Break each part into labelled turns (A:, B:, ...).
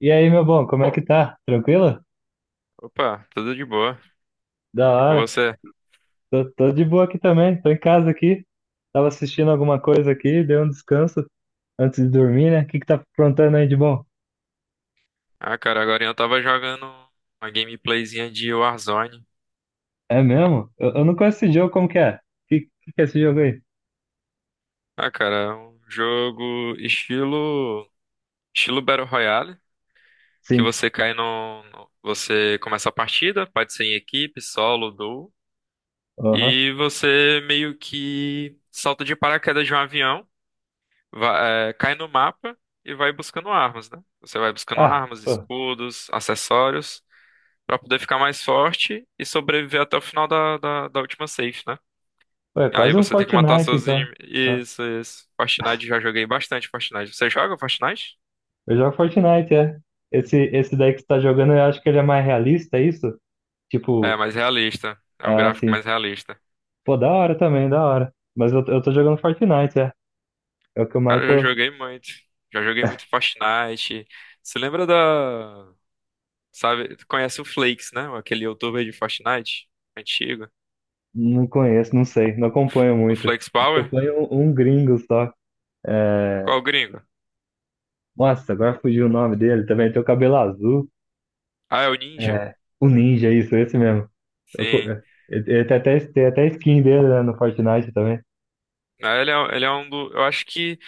A: E aí, meu bom, como é que tá? Tranquilo?
B: Opa, tudo de boa.
A: Da
B: E com
A: hora.
B: você?
A: Tô de boa aqui também, tô em casa aqui. Tava assistindo alguma coisa aqui, dei um descanso antes de dormir, né? O que que tá aprontando aí de bom?
B: Ah, cara, agora eu tava jogando uma gameplayzinha de Warzone.
A: É mesmo? Eu não conheço esse jogo, como que é? Que que é esse jogo aí?
B: Ah, cara, é um jogo estilo Battle Royale, que
A: Sim.
B: você cai você começa a partida, pode ser em equipe, solo, duo,
A: Aham.
B: e você meio que salta de paraquedas de um avião, cai no mapa e vai buscando armas, né? Você vai buscando
A: Ah,
B: armas,
A: pô,
B: escudos, acessórios. Pra poder ficar mais forte e sobreviver até o final da última safe, né?
A: pô, é
B: Aí
A: quase um
B: você tem que matar
A: Fortnite,
B: seus
A: então.
B: inimigos.
A: Ah,
B: Isso, isso. Fortnite, já joguei bastante Fortnite. Você joga Fortnite?
A: eu jogo Fortnite, é. Esse daí que você tá jogando, eu acho que ele é mais realista, é isso?
B: É,
A: Tipo,
B: mais realista. É um
A: ah,
B: gráfico
A: assim,
B: mais realista.
A: pô, da hora também, da hora. Mas eu, tô jogando Fortnite, é. É o que eu
B: Cara,
A: mais
B: eu já
A: tô.
B: joguei muito. Já joguei muito Fortnite. Você lembra da... Sabe, tu conhece o Flakes, né? Aquele youtuber de Fortnite antigo.
A: Não conheço, não sei, não acompanho
B: O
A: muito.
B: Flex Power?
A: Acompanho um gringo só. É,
B: Qual o gringo?
A: nossa, agora fugiu o nome dele também. Tem o cabelo azul.
B: Ah, é o Ninja?
A: É, o Ninja, isso, esse mesmo. Eu co-
B: Sim.
A: é, ele tem até skin dele, né, no Fortnite também.
B: Ah, ele é um do... Eu acho que...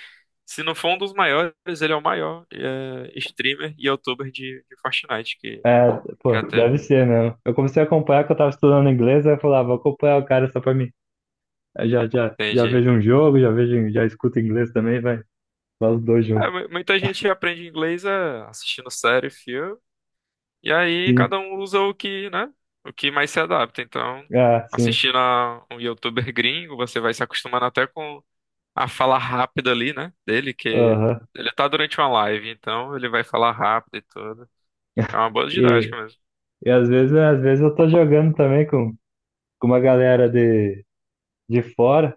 B: Se não for um dos maiores, ele é o maior streamer e youtuber de Fortnite que
A: É, pô,
B: já teve.
A: deve ser mesmo. Eu comecei a acompanhar que eu tava estudando inglês, aí eu falava, vou acompanhar o cara só pra mim. Aí já
B: Entendi.
A: vejo um jogo, já vejo, já escuto inglês também, vai, os dois
B: É,
A: juntos.
B: muita gente aprende inglês assistindo série, filme, e aí
A: Sim,
B: cada um usa o que, né? O que mais se adapta. Então,
A: ah, sim,
B: assistindo a um youtuber gringo, você vai se acostumando até com a fala rápida ali, né? Dele, que
A: aham.
B: ele tá durante uma live, então ele vai falar rápido e tudo. É uma boa didática mesmo.
A: E às vezes eu tô jogando também com uma galera de fora,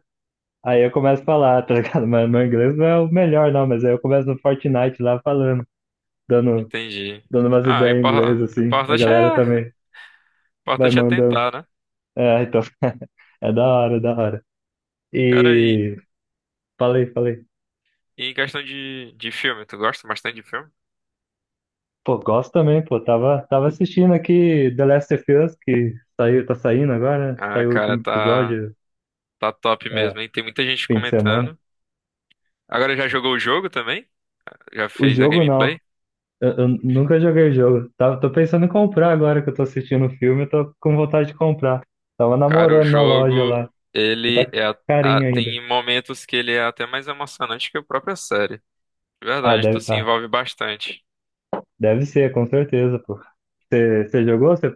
A: aí eu começo a falar, tá ligado? Mas meu inglês não é o melhor, não, mas aí eu começo no Fortnite lá falando, dando,
B: Entendi.
A: dando umas
B: Ah, o
A: ideias em inglês,
B: impor- o
A: assim. A
B: importante
A: galera
B: é, o
A: também vai
B: importante é
A: mandando.
B: tentar, né?
A: É, então, é da hora, é da hora.
B: Cara, e,
A: E falei.
B: e em questão de filme, tu gosta bastante de filme?
A: Pô, gosto também, pô. Tava assistindo aqui The Last of Us, que saiu, tá saindo agora, né?
B: Ah,
A: Saiu o
B: cara,
A: último
B: tá,
A: episódio,
B: tá top
A: é,
B: mesmo, hein? Tem muita gente
A: fim de semana.
B: comentando. Agora já jogou o jogo também? Já
A: O
B: fez a
A: jogo não.
B: gameplay?
A: Eu nunca joguei o jogo. Tava, tô pensando em comprar agora que eu tô assistindo o filme, eu tô com vontade de comprar. Tava
B: Cara, o
A: namorando na loja
B: jogo,
A: lá, que
B: ele
A: tá
B: é, a-
A: carinho ainda.
B: tem momentos que ele é até mais emocionante que a própria série. De verdade, tu se
A: Ah,
B: envolve bastante.
A: deve ser, com certeza, pô. Você jogou? Você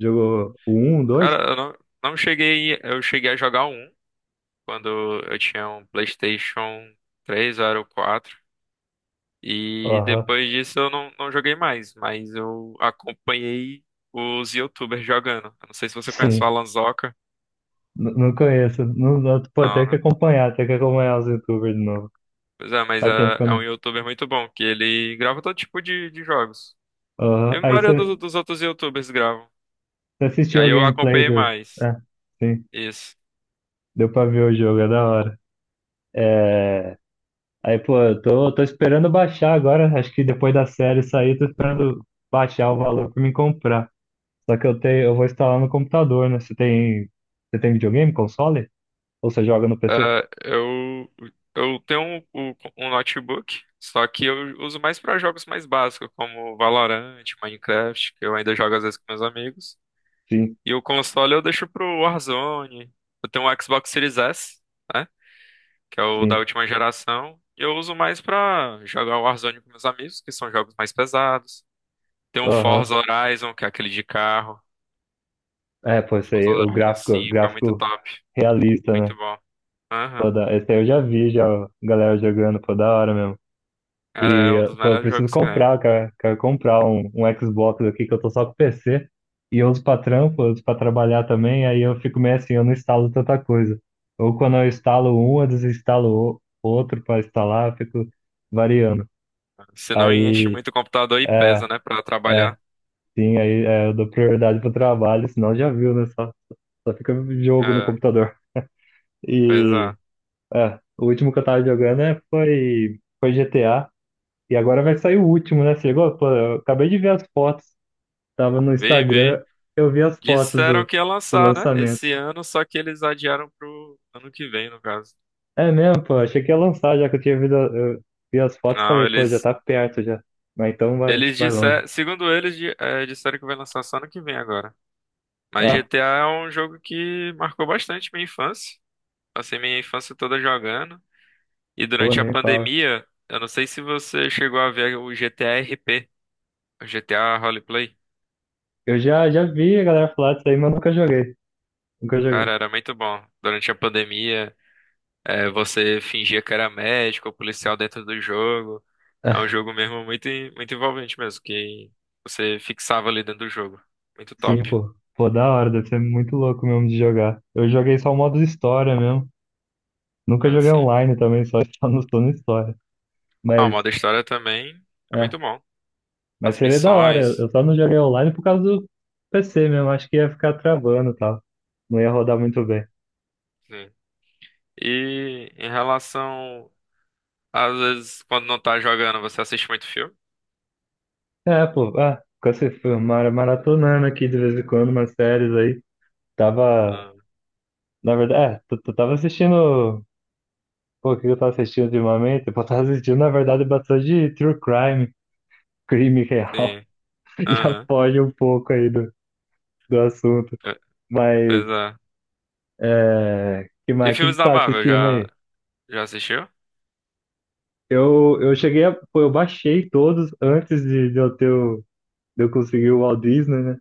A: jogou o 1, 2?
B: Cara, eu não, não cheguei, eu cheguei a jogar um quando eu tinha um PlayStation 3 ou era o 4. E
A: Aham,
B: depois disso eu não joguei mais, mas eu acompanhei os YouTubers jogando. Eu não sei se você conhece o
A: sim.
B: Alan Zoca.
A: Não conheço. Não, pô,
B: Não, né?
A: tem que acompanhar os YouTubers de novo.
B: Pois é, mas é,
A: Faz tempo que eu
B: é um
A: não.
B: YouTuber muito bom, que ele grava todo tipo de jogos. E
A: Aham.
B: a
A: Aí
B: maioria
A: você
B: dos outros YouTubers gravam. E
A: assistiu a
B: aí eu
A: gameplay
B: acompanhei
A: do.
B: mais.
A: É, sim.
B: Isso.
A: Deu pra ver o jogo, é da hora. É. Aí, pô, tô esperando baixar agora. Acho que depois da série sair, tô esperando baixar o valor pra me comprar. Só que eu tenho, eu vou instalar no computador, né? Você tem videogame, console? Ou você joga no PC?
B: Ah, eu, eu tenho um notebook, só que eu uso mais para jogos mais básicos, como Valorant, Minecraft, que eu ainda jogo às vezes com meus amigos.
A: Sim,
B: E o console eu deixo pro Warzone. Eu tenho um Xbox Series S, né? Que é o da
A: sim.
B: última geração. E eu uso mais pra jogar o Warzone com meus amigos, que são jogos mais pesados. Tem um
A: Aham.
B: Forza Horizon, que é aquele de carro.
A: É, pô, esse
B: Forza
A: aí,
B: Horizon 5 é muito
A: gráfico
B: top.
A: realista,
B: Muito
A: né?
B: bom.
A: Pô,
B: Aham.
A: da, esse aí eu já vi, já, a galera jogando, pô, da hora mesmo.
B: Cara, é
A: E,
B: um dos
A: pô, eu
B: melhores
A: preciso
B: jogos que tem.
A: comprar, cara. Quero comprar um Xbox aqui que eu tô só com PC. E eu uso pra trabalhar também. Aí eu fico meio assim, eu não instalo tanta coisa. Ou quando eu instalo um, eu outro pra instalar, eu fico variando.
B: Se não enche
A: Aí,
B: muito o computador e
A: é,
B: pesa, né? Pra
A: é,
B: trabalhar.
A: sim, eu dou prioridade pro trabalho, senão já viu, né? Só fica jogo no
B: É,
A: computador.
B: pois é.
A: E, é, o último que eu tava jogando foi GTA. E agora vai sair o último, né? Você chegou? Pô, eu acabei de ver as fotos. Tava no
B: Vê, vê.
A: Instagram, eu vi as fotos
B: Disseram
A: do,
B: que ia
A: do
B: lançar, né?
A: lançamento.
B: Esse ano, só que eles adiaram pro ano que vem, no caso.
A: É mesmo, pô. Achei que ia lançar, já que eu tinha visto, eu vi as fotos e
B: Não,
A: falei, pô, já
B: eles
A: tá perto já. Mas então vai,
B: Eles
A: vai longe.
B: disseram, segundo eles, disseram que vai lançar só ano que vem agora. Mas
A: Ah,
B: GTA é um jogo que marcou bastante minha infância. Passei minha infância toda jogando. E
A: pô,
B: durante a
A: nem fala.
B: pandemia, eu não sei se você chegou a ver o GTA RP, o GTA Roleplay.
A: Já vi a galera falar disso aí, mas nunca joguei. Nunca joguei.
B: Cara, era muito bom. Durante a pandemia, você fingia que era médico ou policial dentro do jogo. É um jogo mesmo muito, muito envolvente mesmo, que você fixava ali dentro do jogo. Muito
A: Sim,
B: top,
A: pô. Pô, da hora, deve ser muito louco mesmo de jogar. Eu joguei só o modo história mesmo. Nunca joguei
B: assim.
A: online também, só, só só no história.
B: Ah, o
A: Mas,
B: modo história também é
A: é.
B: muito bom.
A: Mas
B: As
A: seria da hora. Eu
B: missões.
A: eu só não joguei online por causa do PC mesmo. Acho que ia ficar travando e tal. Não ia rodar muito bem.
B: Sim. E em relação, às vezes, quando não tá jogando, você assiste muito filme?
A: É, pô. Ah, ficou se foi maratonando aqui de vez em quando umas séries aí. Tava.
B: Ah,
A: Na verdade, é, tu tava assistindo. Pô, o que eu tava assistindo ultimamente? Pô, eu tava assistindo, na verdade, bastante true crime, crime real.
B: sim.
A: Já
B: Aham.
A: foge um pouco aí do, do assunto.
B: Pe- Pois
A: Mas.
B: é.
A: É, que
B: E
A: mais? O que que
B: filmes
A: você
B: da
A: tá
B: Marvel,
A: assistindo
B: já,
A: aí?
B: já assistiu?
A: Eu cheguei a. Pô, eu baixei todos antes de eu ter o, de eu conseguir o Walt Disney, né?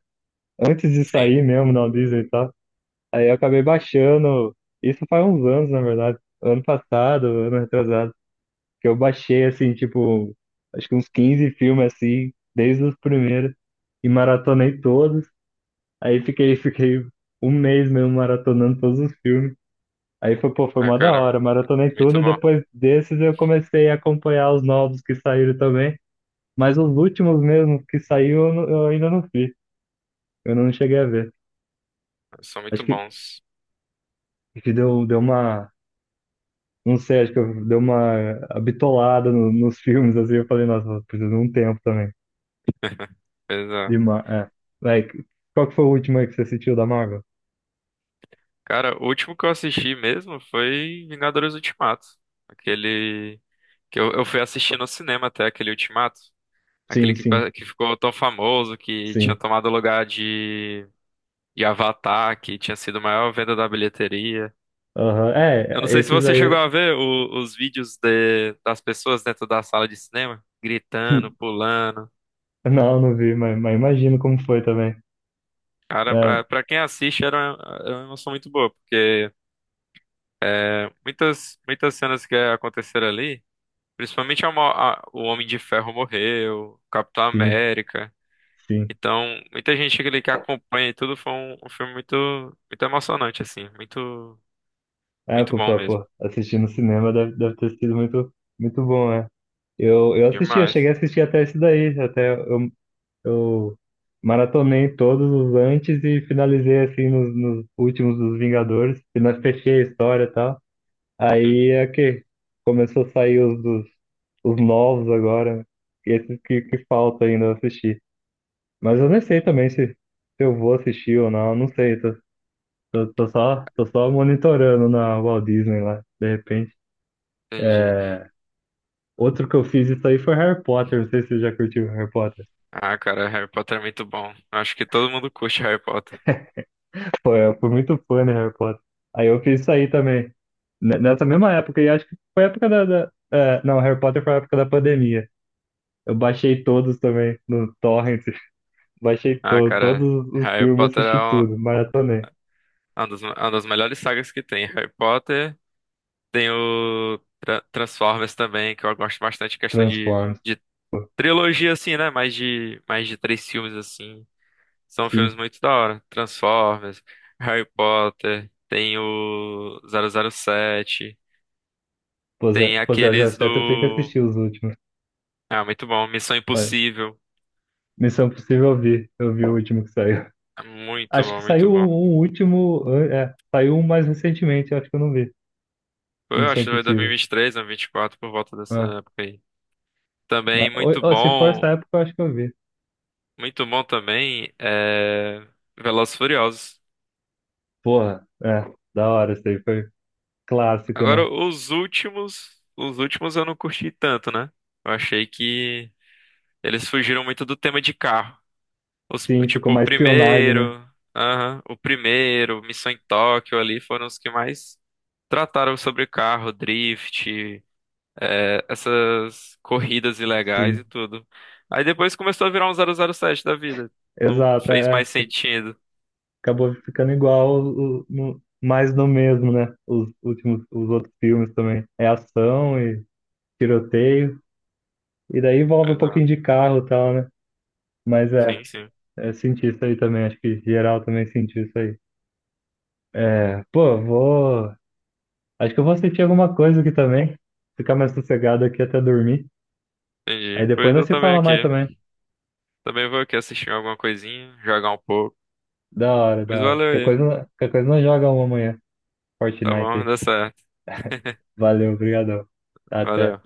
A: Antes de
B: Sim.
A: sair mesmo no Walt Disney e tal. Aí eu acabei baixando. Isso faz uns anos, na verdade. Ano passado, ano retrasado. Que eu baixei, assim, tipo, acho que uns 15 filmes assim, desde os primeiros. E maratonei todos. Aí fiquei, fiquei um mês mesmo maratonando todos os filmes. Aí foi, pô, foi
B: Ah,
A: uma da
B: cara,
A: hora, maratonei tudo
B: muito
A: e
B: bom.
A: depois desses eu comecei a acompanhar os novos que saíram também. Mas os últimos mesmo que saiu, eu ainda não vi. Eu não cheguei a ver.
B: São muito
A: Acho
B: bons.
A: que deu, deu uma. Não sei, acho que deu uma bitolada nos filmes, assim. Eu falei, nossa, eu preciso de um tempo também.
B: Pois
A: De
B: é.
A: ma é. Vai, qual que foi o último aí que você assistiu da Marvel?
B: Cara, o último que eu assisti mesmo foi Vingadores Ultimato. Aquele que eu fui assistir no cinema até, aquele Ultimato. Aquele
A: Sim,
B: que,
A: sim,
B: que ficou tão famoso, que tinha
A: sim.
B: tomado o lugar de Avatar, que tinha sido a maior venda da bilheteria.
A: Aham.
B: Eu não
A: É,
B: sei se
A: esses
B: você
A: aí.
B: chegou a ver os vídeos das pessoas dentro da sala de cinema, gritando, pulando.
A: Não, não vi, mas imagino como foi também.
B: Cara,
A: É,
B: pra quem assiste era uma emoção muito boa, porque é, muitas cenas que aconteceram ali, principalmente o Homem de Ferro morreu, o Capitão
A: sim,
B: América.
A: sim.
B: Então, muita gente ali que acompanha e tudo, foi um filme muito, muito emocionante, assim. Muito,
A: É,
B: muito bom mesmo.
A: pô, assistir no cinema deve, deve ter sido muito, muito bom, né? Eu assisti, eu cheguei a
B: Demais.
A: assistir até esse daí, até eu maratonei todos os antes e finalizei assim nos, nos últimos dos Vingadores, e nós fechei a história e tal.
B: Sim,
A: Aí é que começou a sair os, dos, os novos agora, e esses que falta ainda assistir. Mas eu nem sei também se eu vou assistir ou não, não sei, tô só monitorando na Walt Disney lá, de repente.
B: entendi.
A: É, outro que eu fiz isso aí foi Harry Potter. Não sei se você já curtiu Harry Potter.
B: Ah, cara, Harry Potter é muito bom. Acho que todo mundo curte Harry Potter.
A: Foi, eu fui muito fã de Harry Potter. Aí eu fiz isso aí também. Nessa mesma época, e acho que foi a época da. É, não, Harry Potter foi a época da pandemia. Eu baixei todos também no Torrent. Baixei
B: Ah, cara,
A: todos os
B: Harry
A: filmes,
B: Potter é
A: assisti tudo, maratonei.
B: uma das melhores sagas que tem. Harry Potter, tem o Transformers também, que eu gosto bastante, questão
A: Transformers,
B: de
A: pô,
B: trilogia, assim, né? Mais de três filmes, assim. São filmes
A: sim.
B: muito da hora. Transformers, Harry Potter, tem o 007,
A: Pô,
B: tem
A: Zé, já
B: aqueles
A: até tem que
B: do...
A: assistir os últimos.
B: Ah, muito bom. Missão
A: Olha,
B: Impossível.
A: Missão Possível eu vi o último que saiu.
B: É muito
A: Acho que
B: bom, muito
A: saiu
B: bom.
A: um último. É, saiu um mais recentemente, eu acho que eu não vi.
B: Eu
A: Missão
B: acho que foi
A: Impossível.
B: 2023, 2024, por volta dessa
A: É,
B: época aí.
A: mas,
B: Também
A: ou se for essa época, eu acho que eu vi.
B: muito bom também é Velozes e Furiosos.
A: Porra, é, da hora, isso aí foi clássico,
B: Agora,
A: né?
B: os últimos eu não curti tanto, né? Eu achei que eles fugiram muito do tema de carro. Os,
A: Sim, ficou
B: tipo, o
A: mais espionagem, né?
B: primeiro, aham, o primeiro, Missão em Tóquio ali foram os que mais trataram sobre carro, drift, essas corridas ilegais e
A: Sim,
B: tudo. Aí depois começou a virar um 007 da vida. Não
A: exato,
B: fez mais sentido.
A: acabou ficando igual, mais no mesmo, né? Os últimos, os outros filmes também. É ação e tiroteio, e daí envolve um
B: Pois é,
A: pouquinho de carro e tal, né? Mas
B: sim, sim,
A: é, senti isso aí também, acho que geral também sentiu isso aí. É, pô, vou. Acho que eu vou assistir alguma coisa aqui também. Ficar mais sossegado aqui até dormir. Aí
B: entendi.
A: depois
B: Pois
A: nós
B: eu
A: se
B: também
A: fala mais
B: aqui.
A: também.
B: Também vou aqui assistir alguma coisinha, jogar um pouco.
A: Da hora,
B: Pois
A: da hora.
B: valeu aí.
A: Qualquer coisa nós joga uma amanhã.
B: Tá
A: Fortnite
B: bom,
A: aí.
B: dá certo.
A: Valeu, obrigado. Até.
B: Valeu.